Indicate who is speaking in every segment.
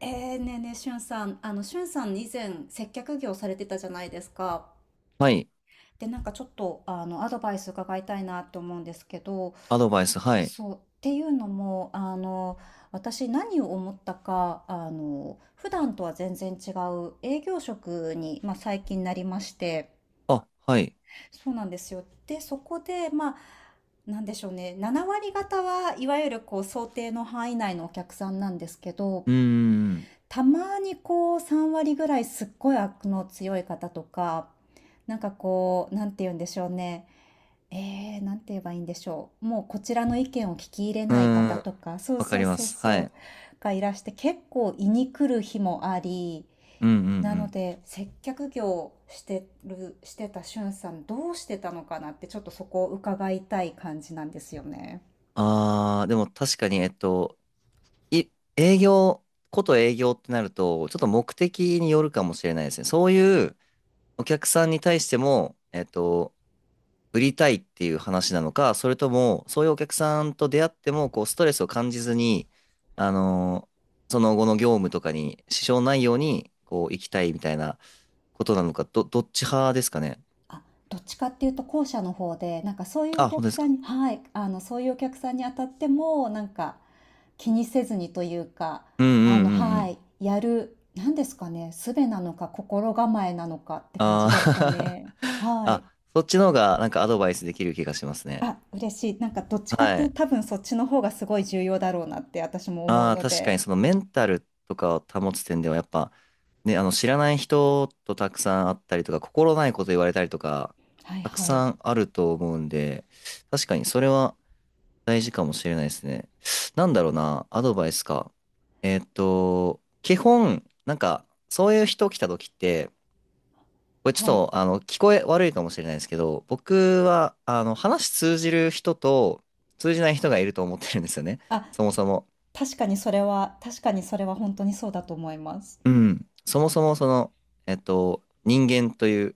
Speaker 1: ねえねえ、しゅんさん、しゅんさん以前接客業されてたじゃないですか。
Speaker 2: はい。
Speaker 1: で、なんかちょっと、アドバイス伺いたいなって思うんですけど、
Speaker 2: アドバイス、はい。
Speaker 1: そう、っていうのも、私何を思ったか、普段とは全然違う営業職に、まあ、最近なりまして、
Speaker 2: あ、はい。
Speaker 1: そうなんですよ。で、そこで、まあ、なんでしょうね、7割方はいわゆるこう想定の範囲内のお客さんなんですけど、
Speaker 2: うーん。
Speaker 1: たまにこう3割ぐらいすっごい悪の強い方とか、なんかこう、なんて言うんでしょうね。なんて言えばいいんでしょう。もうこちらの意見を聞き入れ
Speaker 2: う
Speaker 1: ない
Speaker 2: ー
Speaker 1: 方
Speaker 2: ん。
Speaker 1: とか、そう
Speaker 2: わか
Speaker 1: そう
Speaker 2: りま
Speaker 1: そう
Speaker 2: す。は
Speaker 1: そう、
Speaker 2: い。
Speaker 1: がいらして結構胃に来る日もあり、
Speaker 2: うんうんう
Speaker 1: なの
Speaker 2: ん。
Speaker 1: で接客業してる、してたしゅんさんどうしてたのかなってちょっとそこを伺いたい感じなんですよね。
Speaker 2: あー、でも確かに、い、営業、こと営業ってなると、ちょっと目的によるかもしれないですね。そういうお客さんに対しても、売りたいっていう話なのか、それとも、そういうお客さんと出会っても、こう、ストレスを感じずに、あのーその後の業務とかに支障ないように、こう、行きたいみたいなことなのか、どっち派ですかね。
Speaker 1: あ、どっちかっていうと後者の方で、なんかそういうお
Speaker 2: あ、本当
Speaker 1: 客
Speaker 2: です
Speaker 1: さ
Speaker 2: か。
Speaker 1: んにはい、あの、そういうお客さんに当たっても、なんか気にせずにというか、
Speaker 2: うんう
Speaker 1: あ
Speaker 2: ん
Speaker 1: の、
Speaker 2: うんう
Speaker 1: は
Speaker 2: ん。
Speaker 1: い、やる、なんですかね、術なのか心構えなのかって感じ
Speaker 2: あ
Speaker 1: ですか
Speaker 2: あ、
Speaker 1: ね。はい。
Speaker 2: あ、そっちの方がなんかアドバイスできる気がしますね。
Speaker 1: あ、嬉しい。なんかどっちかっ
Speaker 2: は
Speaker 1: ていう
Speaker 2: い。
Speaker 1: と多分そっちの方がすごい重要だろうなって私も思う
Speaker 2: ああ、
Speaker 1: の
Speaker 2: 確かに
Speaker 1: で。
Speaker 2: そのメンタルとかを保つ点ではやっぱね、あの知らない人とたくさん会ったりとか、心ないこと言われたりとか、
Speaker 1: はい
Speaker 2: たく
Speaker 1: はい。
Speaker 2: さんあると思うんで、確かにそれは大事かもしれないですね。なんだろうな、アドバイスか。基本、なんかそういう人来た時って、これちょっ
Speaker 1: はい。
Speaker 2: と、あの、聞こえ悪いかもしれないですけど、僕は、あの、話通じる人と通じない人がいると思ってるんですよね。
Speaker 1: あ、
Speaker 2: そもそも。
Speaker 1: 確かにそれは、確かにそれは本当にそうだと思います。
Speaker 2: うん。そもそも、その、人間という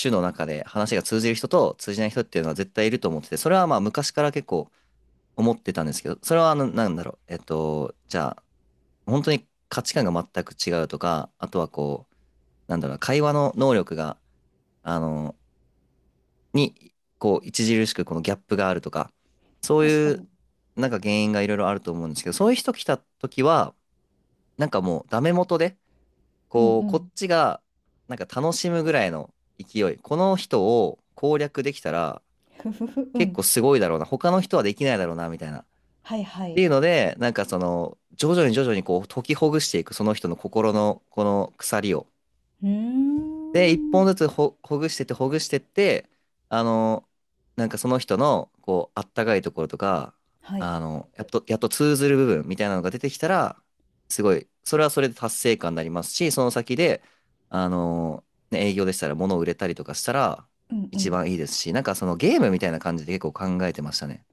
Speaker 2: 種の中で話が通じる人と通じない人っていうのは絶対いると思ってて、それはまあ昔から結構思ってたんですけど、それはあの、なんだろう。えっと、じゃあ、本当に価値観が全く違うとか、あとはこう、なんだろうな、会話の能力が、あのに、こう、著しくこのギャップがあるとか、そう
Speaker 1: 確か
Speaker 2: いう、
Speaker 1: に。
Speaker 2: なんか原因がいろいろあると思うんですけど、そういう人来た時は、なんかもうダメ元で、
Speaker 1: うんう
Speaker 2: こう、こっ
Speaker 1: ん。
Speaker 2: ちが、なんか楽しむぐらいの勢い、この人を攻略できたら、
Speaker 1: ふふふ、う
Speaker 2: 結
Speaker 1: ん。
Speaker 2: 構すごいだろうな、他の人はできないだろうな、みたいな。っ
Speaker 1: はいは
Speaker 2: て
Speaker 1: い。
Speaker 2: いうので、なんかその、徐々に徐々にこう、解きほぐしていく、その人の心の、この鎖を。
Speaker 1: うー
Speaker 2: で、一本
Speaker 1: ん。
Speaker 2: ずつほ、ほぐしてって、ほぐしてって、あの、なんかその人の、こう、あったかいところとか、
Speaker 1: はい。
Speaker 2: あの、やっと通ずる部分みたいなのが出てきたら、すごい、それはそれで達成感になりますし、その先で、あの、ね、営業でしたら物を売れたりとかしたら、
Speaker 1: うんう
Speaker 2: 一
Speaker 1: ん。
Speaker 2: 番いいですし、なんかそのゲームみたいな感じで結構考えてましたね。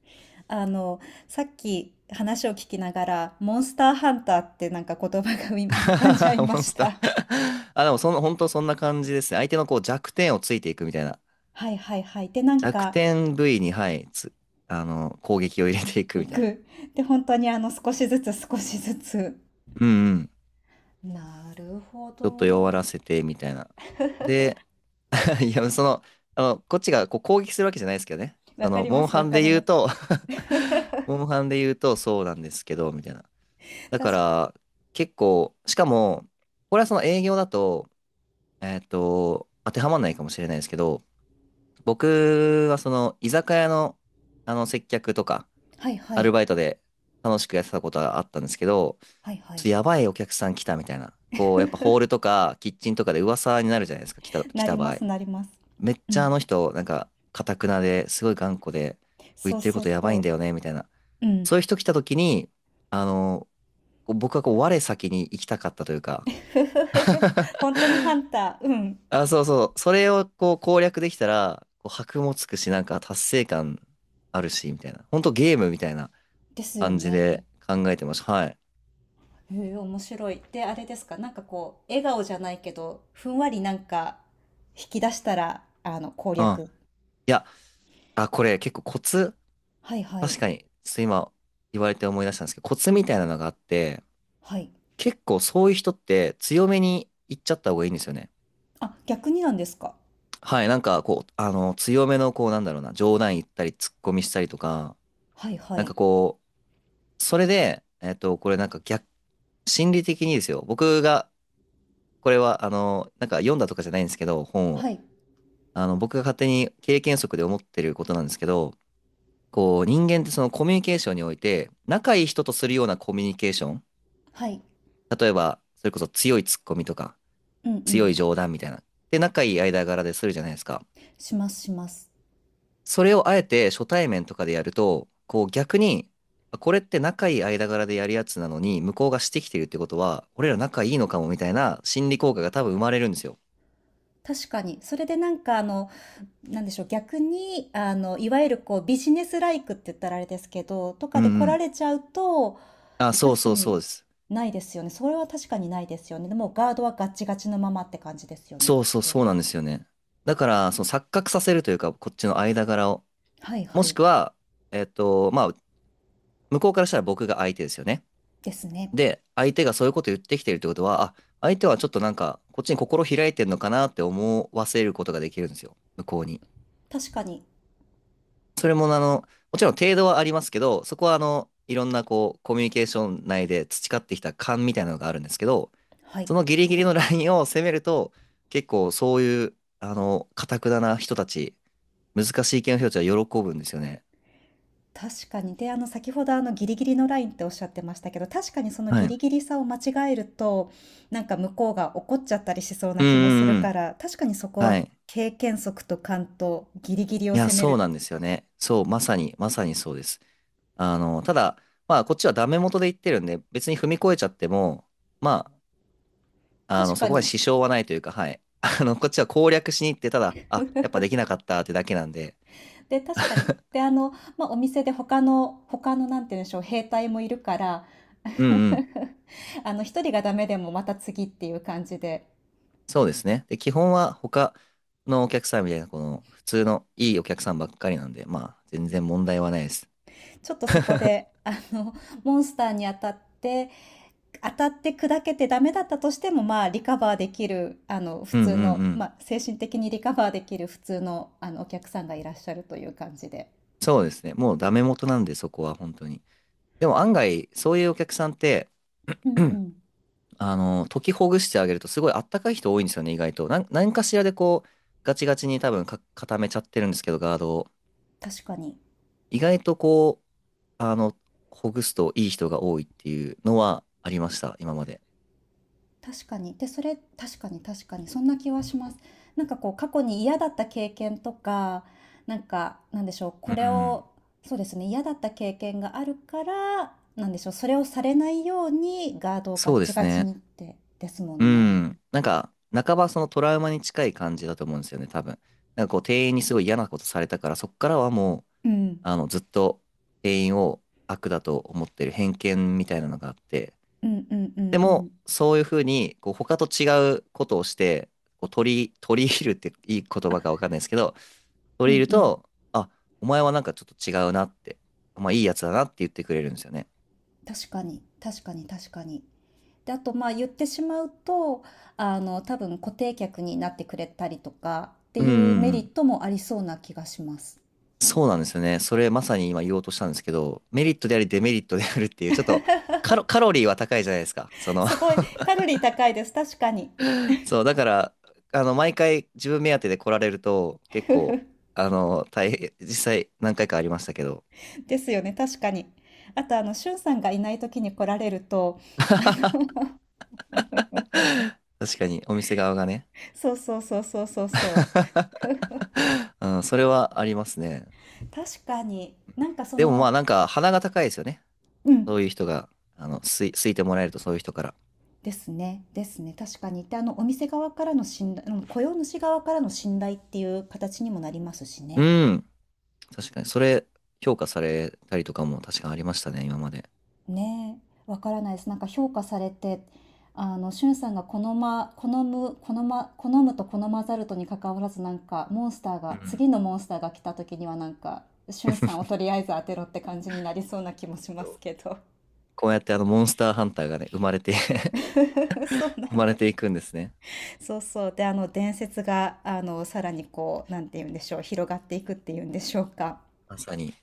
Speaker 1: あの、さっき話を聞きながら、モンスターハンターってなんか言葉が 浮かんじゃい ま
Speaker 2: モン
Speaker 1: し
Speaker 2: スター
Speaker 1: た。
Speaker 2: あ、でもその、本当そんな感じですね。相手のこう弱点をついていくみたいな。
Speaker 1: はいはいはい。で、なん
Speaker 2: 弱
Speaker 1: か、
Speaker 2: 点部位に、はい、つ、あの、攻撃を入れていくみ
Speaker 1: 行
Speaker 2: たいな。
Speaker 1: く。で、本当にあの、少しずつ少しずつ。
Speaker 2: うんうん。
Speaker 1: なるほ
Speaker 2: ち
Speaker 1: ど。
Speaker 2: ょっと弱らせて、みたいな。で、いや、その、あの、こっちがこう攻撃するわけじゃないですけどね。
Speaker 1: わ
Speaker 2: そ
Speaker 1: か
Speaker 2: の、
Speaker 1: りま
Speaker 2: モン
Speaker 1: す
Speaker 2: ハ
Speaker 1: わ
Speaker 2: ン
Speaker 1: か
Speaker 2: で
Speaker 1: り
Speaker 2: 言う
Speaker 1: ます。
Speaker 2: と モンハンで言うとそうなんですけど、みたいな。だか
Speaker 1: 確か、
Speaker 2: ら、結構、しかも、これはその営業だと、えっと、当てはまんないかもしれないですけど、僕はその、居酒屋の、あの、接客とか、
Speaker 1: はいは
Speaker 2: アル
Speaker 1: い。
Speaker 2: バイトで楽しくやってたことがあったんですけど、
Speaker 1: はいは
Speaker 2: ちょっと
Speaker 1: い。
Speaker 2: やばいお客さん来たみたいな。こう、やっぱホールとかキッチンとかで噂になるじゃないですか、来
Speaker 1: なり
Speaker 2: た
Speaker 1: ま
Speaker 2: 場合。
Speaker 1: すなります。
Speaker 2: めっ
Speaker 1: う
Speaker 2: ちゃあ
Speaker 1: ん。
Speaker 2: の人、なんか、かたくなですごい頑固で、言
Speaker 1: そ
Speaker 2: っ
Speaker 1: う
Speaker 2: てる
Speaker 1: そ
Speaker 2: こ
Speaker 1: う
Speaker 2: とやばいん
Speaker 1: そ
Speaker 2: だよね、みたいな。
Speaker 1: う。う
Speaker 2: そうい
Speaker 1: ん。
Speaker 2: う人来た時に、あの、こう僕はこう、我先に行きたかったというか、
Speaker 1: ふふふ ふ。本当にハンター。うん。
Speaker 2: あ、そうそう、それをこう攻略できたら、こう、箔もつくし、なんか達成感あるし、みたいな。ほんとゲームみたいな
Speaker 1: ですよ
Speaker 2: 感じで
Speaker 1: ね。
Speaker 2: 考えてました。はい。
Speaker 1: へえ、面白い。で、あれですか、なんかこう、笑顔じゃないけど、ふんわりなんか、引き出したら、あの、攻
Speaker 2: うん。
Speaker 1: 略。
Speaker 2: いや、あ、これ結構コツ
Speaker 1: はいは
Speaker 2: 確
Speaker 1: い。
Speaker 2: かに、ちょっと今言われて思い出したんですけど、コツみたいなのがあって、
Speaker 1: はい。
Speaker 2: 結構そういう人って強めに言っちゃった方がいいんですよね。
Speaker 1: あ、逆になんですか。
Speaker 2: はい、なんかこう、あの、強めのこう、なんだろうな、冗談言ったり、突っ込みしたりとか、
Speaker 1: はいは
Speaker 2: なん
Speaker 1: い。
Speaker 2: かこう、それで、これなんか逆、心理的にですよ、僕が、これは、あの、なんか読んだとかじゃないんですけど、本を、
Speaker 1: はい。
Speaker 2: あの、僕が勝手に経験則で思ってることなんですけど、こう、人間ってそのコミュニケーションにおいて、仲いい人とするようなコミュニケーション、
Speaker 1: はい。
Speaker 2: 例えば、それこそ強いツッコミとか、
Speaker 1: うんう
Speaker 2: 強い
Speaker 1: ん。
Speaker 2: 冗談みたいな。で、仲いい間柄でするじゃないですか。
Speaker 1: しますします。
Speaker 2: それをあえて初対面とかでやると、こう逆に、あこれって仲いい間柄でやるやつなのに、向こうがしてきてるってことは、俺ら仲いいのかもみたいな心理効果が多分生まれるんですよ。
Speaker 1: 確かに。それでなんかあの、なんでしょう、逆に、あの、いわゆるこう、ビジネスライクって言ったらあれですけど、と
Speaker 2: う
Speaker 1: か
Speaker 2: んう
Speaker 1: で来ら
Speaker 2: ん。
Speaker 1: れちゃうと、
Speaker 2: あ、そう
Speaker 1: 確か
Speaker 2: そうそ
Speaker 1: に
Speaker 2: うです。
Speaker 1: ないですよね。それは確かにないですよね。でもうガードはガッチガチのままって感じですよね、き
Speaker 2: そ
Speaker 1: っ
Speaker 2: うそう
Speaker 1: と。
Speaker 2: そうなんですよね。だから、その錯覚させるというか、こっちの間柄を。
Speaker 1: はい
Speaker 2: も
Speaker 1: は
Speaker 2: し
Speaker 1: い。
Speaker 2: くは、えっと、まあ、向こうからしたら僕が相手ですよね。
Speaker 1: ですね。
Speaker 2: で、相手がそういうこと言ってきてるってことは、あ、相手はちょっとなんか、こっちに心開いてんのかなって思わせることができるんですよ、向こうに。
Speaker 1: 確かに。
Speaker 2: それも、あの、もちろん程度はありますけど、そこは、あの、いろんな、こう、コミュニケーション内で培ってきた勘みたいなのがあるんですけど、
Speaker 1: はい。
Speaker 2: そのギリギリのラインを攻めると、結構そういう、あの、頑くなな人たち、難しい系の人たちは喜ぶんですよね。
Speaker 1: 確かに。で、あの、先ほどあの、ギリギリのラインっておっしゃってましたけど、確かにその
Speaker 2: は
Speaker 1: ギ
Speaker 2: い。う
Speaker 1: リギリさを間違えると、なんか向こうが怒っちゃったりしそう
Speaker 2: んう
Speaker 1: な気もす
Speaker 2: ん
Speaker 1: る
Speaker 2: う
Speaker 1: か
Speaker 2: ん。
Speaker 1: ら、確かにそこ
Speaker 2: は
Speaker 1: は
Speaker 2: い。
Speaker 1: 経験則と勘とギリギリ
Speaker 2: い
Speaker 1: を
Speaker 2: や、
Speaker 1: 攻め
Speaker 2: そう
Speaker 1: る。
Speaker 2: なんですよね。そう、まさに、まさにそうです。あの、ただ、まあ、こっちはダメ元で言ってるんで、別に踏み越えちゃっても、まあ、あ
Speaker 1: 確
Speaker 2: の、そ
Speaker 1: か
Speaker 2: こまで
Speaker 1: に。
Speaker 2: 支障はないというか、はい。あの、こっちは攻略しに行って、ただ、あ、やっぱできなかったってだけなんで、
Speaker 1: で、確かに。で、あの、まあ、お店で他のなんて言うんでしょう、兵隊もいるから、
Speaker 2: うんうん、
Speaker 1: あの、一人がダメでもまた次っていう感じで、
Speaker 2: そうですね。で、基本は他のお客さんみたいな、この、普通のいいお客さんばっかりなんで、まあ、全然問題はないです。
Speaker 1: ちょっとそ こで、あの、モンスターに当たって砕けてダメだったとしても、まあ、リカバーできる、あの、普
Speaker 2: うんう
Speaker 1: 通
Speaker 2: ん
Speaker 1: の、
Speaker 2: う
Speaker 1: ま
Speaker 2: ん。
Speaker 1: あ、精神的にリカバーできる普通の、あの、お客さんがいらっしゃるという感じで。
Speaker 2: そうですね。もうダメ元なんで、そこは本当に。でも案外、そういうお客さんって、
Speaker 1: うんうん。
Speaker 2: あの、解きほぐしてあげるとすごいあったかい人多いんですよね、意外と。何かしらでこう、ガチガチに多分か固めちゃってるんですけど、ガードを。
Speaker 1: 確かに。
Speaker 2: 意外とこう、あの、ほぐすといい人が多いっていうのはありました、今まで。
Speaker 1: 確かに。で、それ、確かに確かに。そんな気はします。なんかこう、過去に嫌だった経験とか、なんか、なんでしょう、
Speaker 2: う
Speaker 1: これ
Speaker 2: ん。
Speaker 1: を、そうですね、嫌だった経験があるから、なんでしょう、それをされないようにガードをガ
Speaker 2: そう
Speaker 1: ッ
Speaker 2: で
Speaker 1: チ
Speaker 2: す
Speaker 1: ガチ
Speaker 2: ね。
Speaker 1: にって、ですも
Speaker 2: う
Speaker 1: んね。
Speaker 2: ん。なんか、半ばそのトラウマに近い感じだと思うんですよね、多分。なんかこう、店員にすごい嫌なことされたから、そっからはもう、
Speaker 1: うん。
Speaker 2: あの、ずっと店員を悪だと思ってる偏見みたいなのがあって、
Speaker 1: うんうんう
Speaker 2: で
Speaker 1: んうん。
Speaker 2: も、そういうふうに、こう、他と違うことをして、取り入るっていい言葉かわかんないですけど、
Speaker 1: う
Speaker 2: 取り入
Speaker 1: ん
Speaker 2: る
Speaker 1: うん。
Speaker 2: と、あ、お前はなんかちょっと違うなって、まあいいやつだなって言ってくれるんですよね。
Speaker 1: 確かに、確かに、確かに。で、あと、まあ、言ってしまうと、あの、多分固定客になってくれたりとかって
Speaker 2: うんう
Speaker 1: いうメ
Speaker 2: んう
Speaker 1: リッ
Speaker 2: ん。
Speaker 1: トもありそうな気がします。
Speaker 2: そうなんですよね。それまさに今言おうとしたんですけど、メリットでありデメリットであるっていう、ちょっとカロリーは高いじゃないですか。その
Speaker 1: すごい、カロリー高いです。確かに。
Speaker 2: そう、だから、あの、毎回自分目当てで来られると、結構、あの、大変、実際何回かありましたけど、
Speaker 1: ですよね、確かに。あと、あの、しゅんさんがいない時に来られると、
Speaker 2: 確かにお店側がね、
Speaker 1: そうそうそうそうそうそう。
Speaker 2: うん、それはありますね。
Speaker 1: 確かに、なんかそ
Speaker 2: でもま
Speaker 1: の、
Speaker 2: あなんか鼻が高いですよね。
Speaker 1: うん、
Speaker 2: そういう人が、あの、すいてもらえるとそういう人から。
Speaker 1: ですね、ですね、確かに。で、あの、お店側からの信頼、うん雇用主側からの信頼っていう形にもなりますし
Speaker 2: う
Speaker 1: ね。
Speaker 2: ん。確かに。それ、評価されたりとかも確かにありましたね、今まで。
Speaker 1: ねえ、わからないです。なんか評価されて、あの、しゅんさんが好むと好まざるとに関わらず、なんか、モンスター
Speaker 2: う
Speaker 1: が、
Speaker 2: ん。
Speaker 1: 次のモンスターが来た時には、なんか、しゅんさんをとりあえず当てろって感じになりそうな気もしますけど。
Speaker 2: こうやってあの、モンスターハンターがね、生まれて
Speaker 1: そうな
Speaker 2: 生
Speaker 1: ん
Speaker 2: まれ
Speaker 1: です。
Speaker 2: ていくんですね。
Speaker 1: そうそう。で、あの、伝説が、あの、さらにこう、なんて言うんでしょう、広がっていくっていうんでしょうか。
Speaker 2: まさに、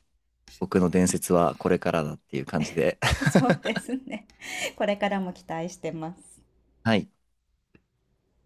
Speaker 2: 僕の伝説はこれからだっていう感じで。
Speaker 1: そうですね。これからも期待してます。
Speaker 2: はい。